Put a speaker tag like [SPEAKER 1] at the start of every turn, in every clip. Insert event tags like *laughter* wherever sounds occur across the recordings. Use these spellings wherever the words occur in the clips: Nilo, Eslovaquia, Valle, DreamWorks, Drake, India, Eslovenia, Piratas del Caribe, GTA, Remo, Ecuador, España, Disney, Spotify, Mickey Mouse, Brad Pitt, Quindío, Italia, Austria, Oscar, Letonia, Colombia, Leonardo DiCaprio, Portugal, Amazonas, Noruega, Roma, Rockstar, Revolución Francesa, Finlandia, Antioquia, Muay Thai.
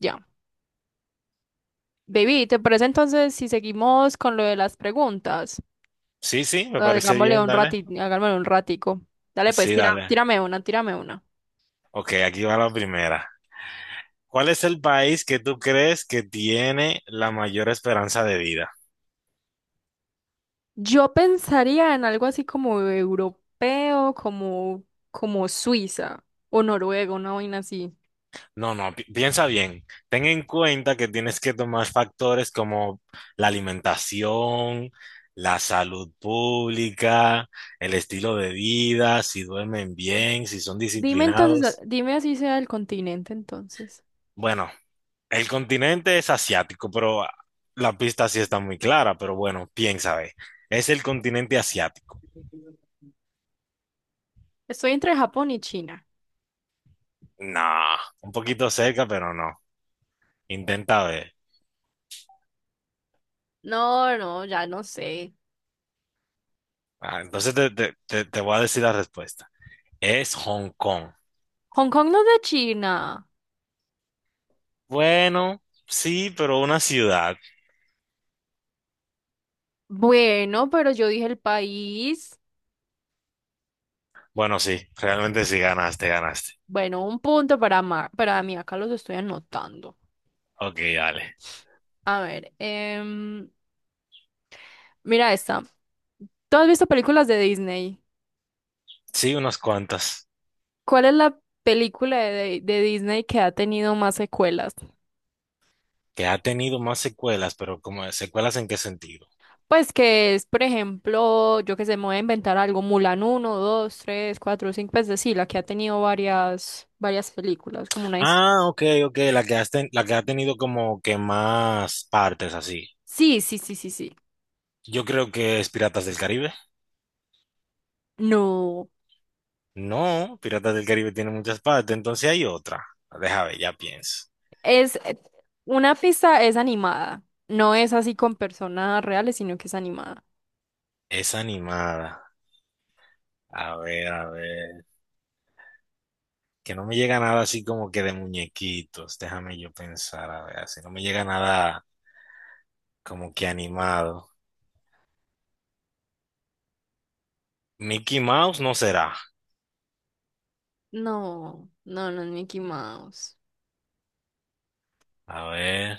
[SPEAKER 1] Ya. Baby, ¿te parece entonces si seguimos con lo de las preguntas?
[SPEAKER 2] Sí, me parece
[SPEAKER 1] Hagámosle
[SPEAKER 2] bien,
[SPEAKER 1] un
[SPEAKER 2] dale.
[SPEAKER 1] ratito, hagámosle un ratico. Dale, pues,
[SPEAKER 2] Sí,
[SPEAKER 1] tira,
[SPEAKER 2] dale.
[SPEAKER 1] tírame una, tírame una.
[SPEAKER 2] Ok, aquí va la primera. ¿Cuál es el país que tú crees que tiene la mayor esperanza de vida?
[SPEAKER 1] Yo pensaría en algo así como europeo, como, como Suiza o Noruega, una vaina así.
[SPEAKER 2] No, piensa bien. Ten en cuenta que tienes que tomar factores como la alimentación, la salud pública, el estilo de vida, si duermen bien, si son
[SPEAKER 1] Dime entonces,
[SPEAKER 2] disciplinados.
[SPEAKER 1] dime así sea el continente entonces.
[SPEAKER 2] Bueno, el continente es asiático, pero la pista sí está muy clara, pero bueno, piensa, ve. Es el continente asiático.
[SPEAKER 1] Estoy entre Japón y China.
[SPEAKER 2] No, un poquito cerca, pero no. Intenta ver.
[SPEAKER 1] No, no, ya no sé.
[SPEAKER 2] Entonces te voy a decir la respuesta. Es Hong Kong.
[SPEAKER 1] Hong Kong no es de China.
[SPEAKER 2] Bueno, sí, pero una ciudad.
[SPEAKER 1] Bueno, pero yo dije el país.
[SPEAKER 2] Bueno, sí, realmente sí ganaste, ganaste.
[SPEAKER 1] Bueno, un punto para, para mí, acá los estoy anotando.
[SPEAKER 2] Ok, dale.
[SPEAKER 1] A ver, mira esta. ¿Tú has visto películas de Disney?
[SPEAKER 2] Sí, unas cuantas.
[SPEAKER 1] ¿Cuál es la película de Disney que ha tenido más secuelas?
[SPEAKER 2] Que ha tenido más secuelas, pero como secuelas en qué sentido.
[SPEAKER 1] Pues que es, por ejemplo, yo que sé, me voy a inventar algo, Mulan uno, 2, 3, 4, 5. Pues de sí, la que ha tenido varias, varias películas, como una...
[SPEAKER 2] Ah, ok, ok, la la que ha tenido como que más partes así.
[SPEAKER 1] Sí, sí, sí, sí, sí.
[SPEAKER 2] Yo creo que es Piratas del Caribe.
[SPEAKER 1] No,
[SPEAKER 2] No, Piratas del Caribe tiene muchas partes, entonces hay otra. Déjame, ya pienso.
[SPEAKER 1] es... Una pista es animada, no es así con personas reales, sino que es animada.
[SPEAKER 2] Es animada. A ver, a ver. Que no me llega nada así como que de muñequitos. Déjame yo pensar, a ver, si no me llega nada como que animado. Mickey Mouse no será.
[SPEAKER 1] No, no, no es Mickey Mouse.
[SPEAKER 2] A ver,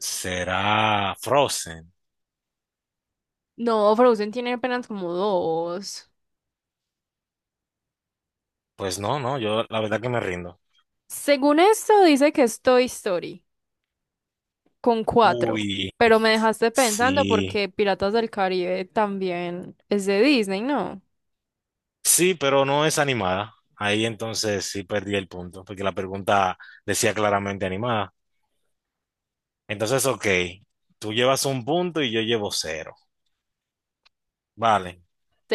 [SPEAKER 2] será Frozen.
[SPEAKER 1] No, Frozen tiene apenas como dos.
[SPEAKER 2] Pues no, no, yo la verdad que me rindo.
[SPEAKER 1] Según esto, dice que es Toy Story, con cuatro.
[SPEAKER 2] Uy.
[SPEAKER 1] Pero me dejaste pensando
[SPEAKER 2] Sí,
[SPEAKER 1] porque Piratas del Caribe también es de Disney, ¿no?
[SPEAKER 2] sí, pero no es animada. Ahí entonces sí perdí el punto, porque la pregunta decía claramente animada. Entonces, ok, tú llevas un punto y yo llevo cero. Vale,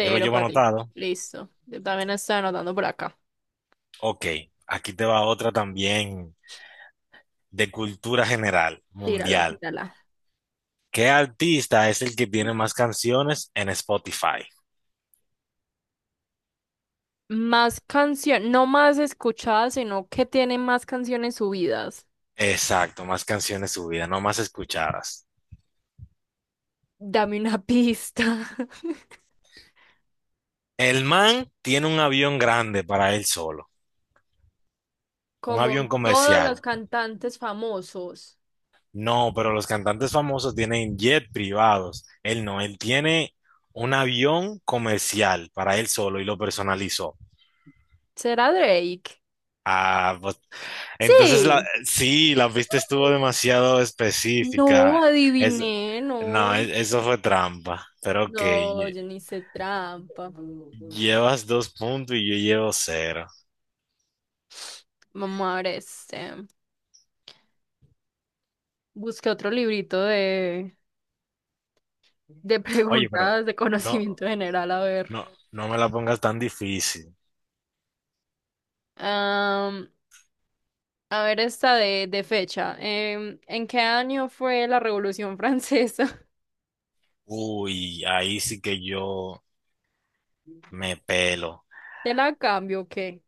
[SPEAKER 2] yo lo llevo
[SPEAKER 1] para ti.
[SPEAKER 2] anotado.
[SPEAKER 1] Listo. Yo también estoy anotando por acá.
[SPEAKER 2] Ok, aquí te va otra también de cultura general,
[SPEAKER 1] Tírala,
[SPEAKER 2] mundial.
[SPEAKER 1] tírala.
[SPEAKER 2] ¿Qué artista es el que tiene más canciones en Spotify?
[SPEAKER 1] Más canción, no más escuchadas, sino que tiene más canciones subidas.
[SPEAKER 2] Exacto, más canciones subidas, no más escuchadas.
[SPEAKER 1] Dame una pista. *laughs*
[SPEAKER 2] El man tiene un avión grande para él solo, un
[SPEAKER 1] Como
[SPEAKER 2] avión
[SPEAKER 1] todos los
[SPEAKER 2] comercial.
[SPEAKER 1] cantantes famosos.
[SPEAKER 2] No, pero los cantantes famosos tienen jet privados. Él no, él tiene un avión comercial para él solo y lo personalizó.
[SPEAKER 1] ¿Será Drake?
[SPEAKER 2] Ah, pues, entonces
[SPEAKER 1] Sí.
[SPEAKER 2] sí, la pista estuvo demasiado específica.
[SPEAKER 1] No,
[SPEAKER 2] Es,
[SPEAKER 1] adiviné, no.
[SPEAKER 2] no, e- Eso fue trampa. Pero ok,
[SPEAKER 1] No, yo ni hice trampa.
[SPEAKER 2] llevas dos puntos y yo llevo cero.
[SPEAKER 1] Vamos a ver este. Busqué otro librito de *laughs*
[SPEAKER 2] Oye, pero
[SPEAKER 1] preguntas de
[SPEAKER 2] no,
[SPEAKER 1] conocimiento general, a ver.
[SPEAKER 2] no me la pongas tan difícil.
[SPEAKER 1] Am, a ver esta de fecha. ¿En qué año fue la Revolución Francesa? *laughs*
[SPEAKER 2] Uy, ahí sí que yo me pelo.
[SPEAKER 1] ¿Te la cambio o qué?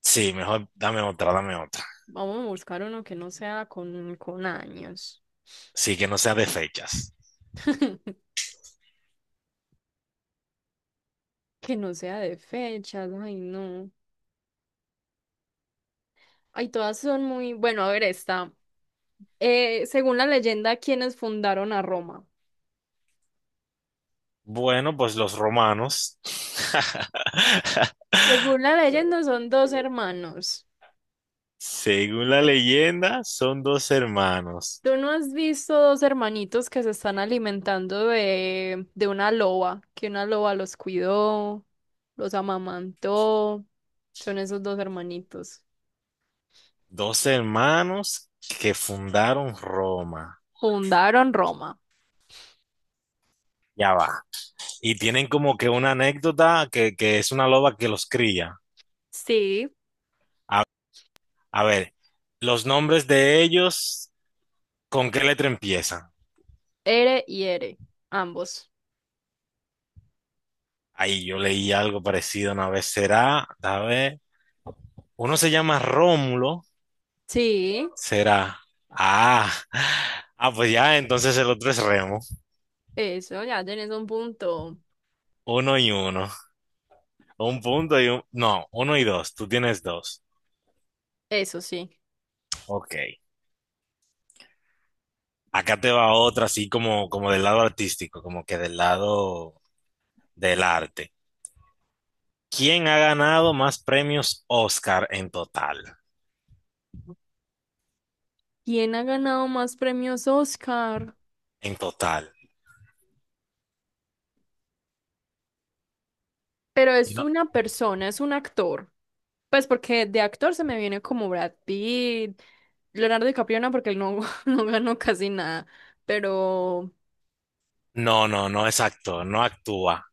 [SPEAKER 2] Sí, mejor dame otra, dame otra.
[SPEAKER 1] Vamos a buscar uno que no sea con años.
[SPEAKER 2] Sí, que no sea de fechas.
[SPEAKER 1] *laughs* Que no sea de fechas, ay no. Ay, todas son muy, bueno, a ver esta. Según la leyenda, ¿quiénes fundaron a Roma?
[SPEAKER 2] Bueno, pues los romanos, *laughs*
[SPEAKER 1] Según la leyenda, son dos hermanos.
[SPEAKER 2] según la leyenda, son dos hermanos.
[SPEAKER 1] ¿Tú no has visto dos hermanitos que se están alimentando de una loba? Que una loba los cuidó, los amamantó. Son esos dos hermanitos.
[SPEAKER 2] Dos hermanos que fundaron Roma.
[SPEAKER 1] Fundaron Roma.
[SPEAKER 2] Ya va. Y tienen como que una anécdota que es una loba que los cría.
[SPEAKER 1] Sí,
[SPEAKER 2] A, a ver, los nombres de ellos, ¿con qué letra empiezan?
[SPEAKER 1] Ere y Ere, ambos.
[SPEAKER 2] Ay, yo leí algo parecido una vez. Será, a ver, uno se llama Rómulo,
[SPEAKER 1] Sí,
[SPEAKER 2] será. Ah, *laughs* ah, pues ya, entonces el otro es Remo.
[SPEAKER 1] eso, ya tenés un punto.
[SPEAKER 2] Uno y uno. Un punto y un. No, uno y dos. Tú tienes dos.
[SPEAKER 1] Eso sí.
[SPEAKER 2] Ok. Acá te va otra, así como, como del lado artístico, como que del lado del arte. ¿Quién ha ganado más premios Oscar en total?
[SPEAKER 1] ¿Quién ha ganado más premios Oscar?
[SPEAKER 2] En total.
[SPEAKER 1] Pero
[SPEAKER 2] Y
[SPEAKER 1] es
[SPEAKER 2] No,
[SPEAKER 1] una persona, es un actor. Pues porque de actor se me viene como Brad Pitt, Leonardo DiCaprio no, porque él no, *laughs* no ganó casi nada. Pero
[SPEAKER 2] no, no es actor, no actúa.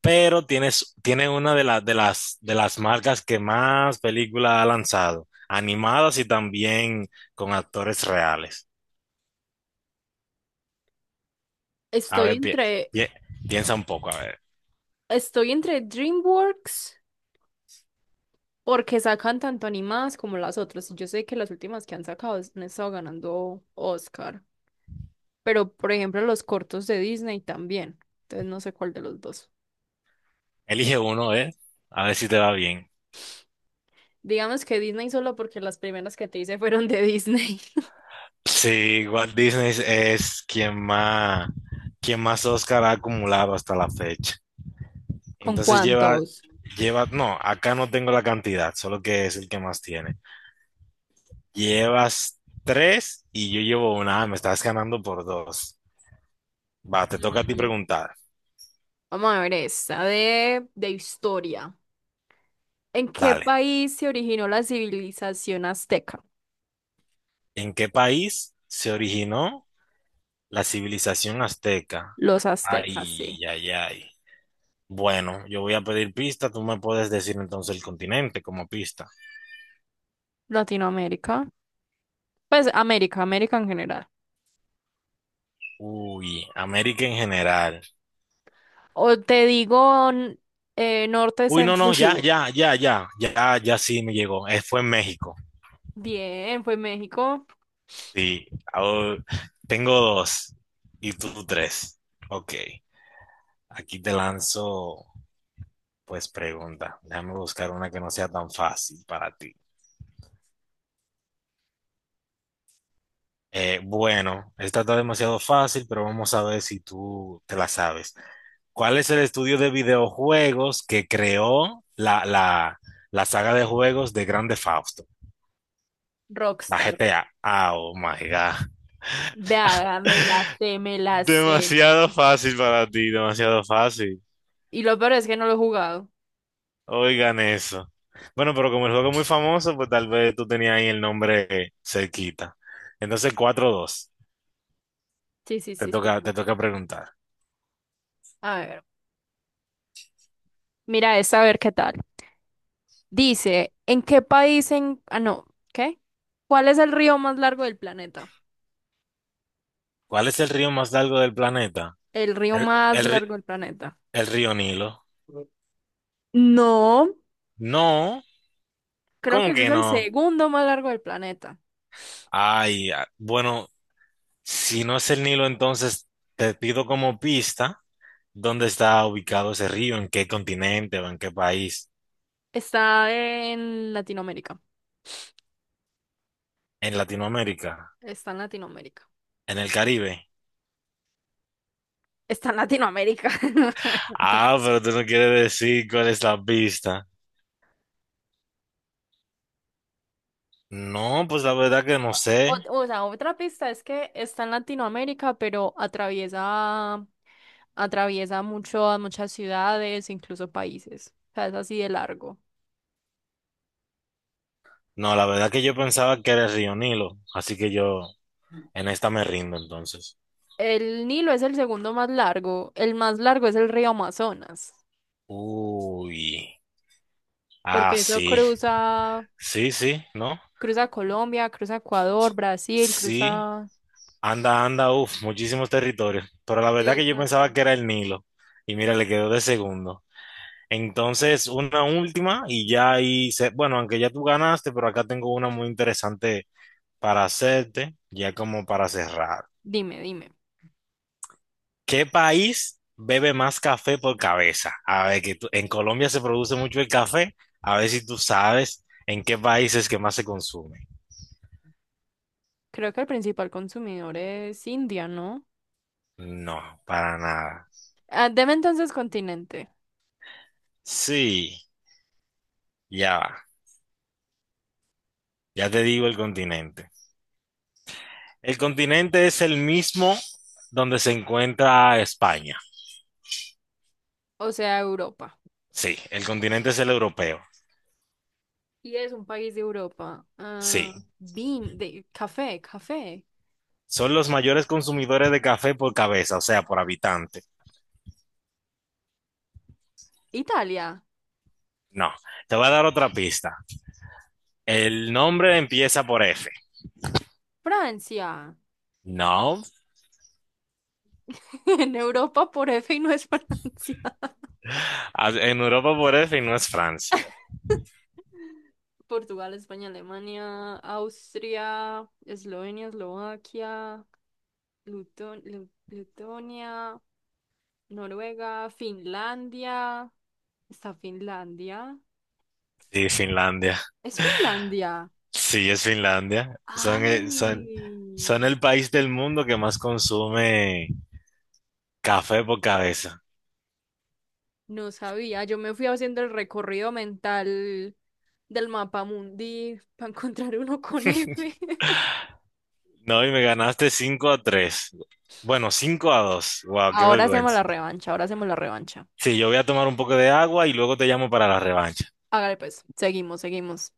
[SPEAKER 2] Pero tiene una de, de las marcas que más películas ha lanzado, animadas y también con actores reales. A
[SPEAKER 1] estoy
[SPEAKER 2] ver,
[SPEAKER 1] entre,
[SPEAKER 2] pi- piensa un poco, a ver.
[SPEAKER 1] estoy entre DreamWorks, porque sacan tanto animadas como las otras. Y yo sé que las últimas que han sacado han estado ganando Oscar. Pero, por ejemplo, los cortos de Disney también. Entonces no sé cuál de los dos.
[SPEAKER 2] Elige uno, ¿eh? A ver si te va bien.
[SPEAKER 1] Digamos que Disney solo porque las primeras que te hice fueron de Disney. *laughs*
[SPEAKER 2] Sí, Walt Disney es quien más Oscar ha acumulado hasta la fecha.
[SPEAKER 1] ¿Con
[SPEAKER 2] Entonces
[SPEAKER 1] cuántos?
[SPEAKER 2] lleva, no, acá no tengo la cantidad, solo que es el que más tiene. Llevas tres y yo llevo una. Ah, me estás ganando por dos. Va, te toca a ti
[SPEAKER 1] Ujú.
[SPEAKER 2] preguntar.
[SPEAKER 1] Vamos a ver esta de historia. ¿En qué
[SPEAKER 2] Dale.
[SPEAKER 1] país se originó la civilización azteca?
[SPEAKER 2] ¿En qué país se originó la civilización azteca?
[SPEAKER 1] Los aztecas, sí.
[SPEAKER 2] Ay, ay, ay. Bueno, yo voy a pedir pista. Tú me puedes decir entonces el continente como pista.
[SPEAKER 1] Latinoamérica. Pues América, América en general.
[SPEAKER 2] Uy, América en general.
[SPEAKER 1] O te digo norte,
[SPEAKER 2] Uy, no,
[SPEAKER 1] centro,
[SPEAKER 2] no,
[SPEAKER 1] sur.
[SPEAKER 2] ya sí me llegó. Fue en México.
[SPEAKER 1] Bien, fue México.
[SPEAKER 2] Sí, ahora tengo dos y tú tres. Ok, aquí te lanzo, pues pregunta. Déjame buscar una que no sea tan fácil para ti. Bueno, esta está demasiado fácil, pero vamos a ver si tú te la sabes. ¿Cuál es el estudio de videojuegos que creó la saga de juegos de Grande Fausto? La
[SPEAKER 1] Rockstar.
[SPEAKER 2] GTA. Ah, Oh my God.
[SPEAKER 1] Vea, me la
[SPEAKER 2] *laughs*
[SPEAKER 1] sé, me la sé.
[SPEAKER 2] Demasiado fácil para ti, demasiado fácil.
[SPEAKER 1] Y lo peor es que no lo he jugado.
[SPEAKER 2] Oigan eso. Bueno, pero como el juego es muy famoso, pues tal vez tú tenías ahí el nombre cerquita. Entonces, cuatro dos.
[SPEAKER 1] Sí, sí, sí, sí, sí.
[SPEAKER 2] Te toca preguntar.
[SPEAKER 1] A ver. Mira, esta a ver qué tal. Dice, ¿en qué país en... Ah, no, ¿qué? ¿Cuál es el río más largo del planeta?
[SPEAKER 2] ¿Cuál es el río más largo del planeta?
[SPEAKER 1] El río
[SPEAKER 2] El,
[SPEAKER 1] más
[SPEAKER 2] el
[SPEAKER 1] largo
[SPEAKER 2] ri-
[SPEAKER 1] del planeta.
[SPEAKER 2] El río Nilo.
[SPEAKER 1] No,
[SPEAKER 2] No,
[SPEAKER 1] creo que
[SPEAKER 2] ¿cómo
[SPEAKER 1] ese es
[SPEAKER 2] que
[SPEAKER 1] el
[SPEAKER 2] no?
[SPEAKER 1] segundo más largo del planeta.
[SPEAKER 2] Bueno, si no es el Nilo, entonces te pido como pista dónde está ubicado ese río, en qué continente o en qué país.
[SPEAKER 1] Está en Latinoamérica.
[SPEAKER 2] En Latinoamérica,
[SPEAKER 1] Está en Latinoamérica.
[SPEAKER 2] en el Caribe.
[SPEAKER 1] Está en Latinoamérica. *laughs*
[SPEAKER 2] Ah, pero tú no quieres decir cuál es la pista. No, pues la verdad que no
[SPEAKER 1] O,
[SPEAKER 2] sé.
[SPEAKER 1] o sea, otra pista es que está en Latinoamérica, pero atraviesa, atraviesa mucho, muchas ciudades, incluso países. O sea, es así de largo.
[SPEAKER 2] No, la verdad que yo pensaba que era el río Nilo, así que yo en esta me rindo entonces.
[SPEAKER 1] El Nilo es el segundo más largo. El más largo es el río Amazonas,
[SPEAKER 2] Uy,
[SPEAKER 1] porque eso
[SPEAKER 2] sí.
[SPEAKER 1] cruza,
[SPEAKER 2] Sí, sí, ¿no?
[SPEAKER 1] cruza Colombia, cruza Ecuador, Brasil,
[SPEAKER 2] Sí.
[SPEAKER 1] cruza...
[SPEAKER 2] Anda, anda, uff, muchísimos territorios. Pero la verdad que yo pensaba
[SPEAKER 1] Exacto.
[SPEAKER 2] que era el Nilo. Y mira, le quedó de segundo. Entonces, una última y ya ahí, bueno, aunque ya tú ganaste, pero acá tengo una muy interesante para hacerte, ya como para cerrar.
[SPEAKER 1] Dime, dime.
[SPEAKER 2] ¿Qué país bebe más café por cabeza? A ver, que en Colombia se produce mucho el café. A ver si tú sabes en qué país es que más se consume.
[SPEAKER 1] Creo que el principal consumidor es India, ¿no?
[SPEAKER 2] No, para nada.
[SPEAKER 1] Ah, deme entonces continente,
[SPEAKER 2] Sí, ya va. Ya te digo el continente. El continente es el mismo donde se encuentra España.
[SPEAKER 1] o sea, Europa.
[SPEAKER 2] Sí, el continente es el europeo.
[SPEAKER 1] Y es un país de Europa. Ah,
[SPEAKER 2] Sí,
[SPEAKER 1] de café, café.
[SPEAKER 2] son los mayores consumidores de café por cabeza, o sea, por habitante.
[SPEAKER 1] Italia,
[SPEAKER 2] No, te voy a dar otra pista. El nombre empieza por F.
[SPEAKER 1] Francia.
[SPEAKER 2] No,
[SPEAKER 1] *laughs* En Europa por F y no es Francia.
[SPEAKER 2] en Europa por F y no es Francia.
[SPEAKER 1] *laughs* Portugal, España, Alemania, Austria, Eslovenia, Eslovaquia, Letonia, Noruega, Finlandia. ¿Está Finlandia?
[SPEAKER 2] Sí, Finlandia.
[SPEAKER 1] ¿Es Finlandia?
[SPEAKER 2] Sí, es Finlandia.
[SPEAKER 1] Ay,
[SPEAKER 2] Son el país del mundo que más consume café por cabeza.
[SPEAKER 1] no sabía. Yo me fui haciendo el recorrido mental del mapa mundi para encontrar uno con F. *laughs*
[SPEAKER 2] No, y me ganaste 5-3. Bueno, 5-2. Wow, qué
[SPEAKER 1] Ahora hacemos la
[SPEAKER 2] vergüenza.
[SPEAKER 1] revancha, ahora hacemos la revancha.
[SPEAKER 2] Sí, yo voy a tomar un poco de agua y luego te llamo para la revancha.
[SPEAKER 1] Hágale pues, seguimos, seguimos.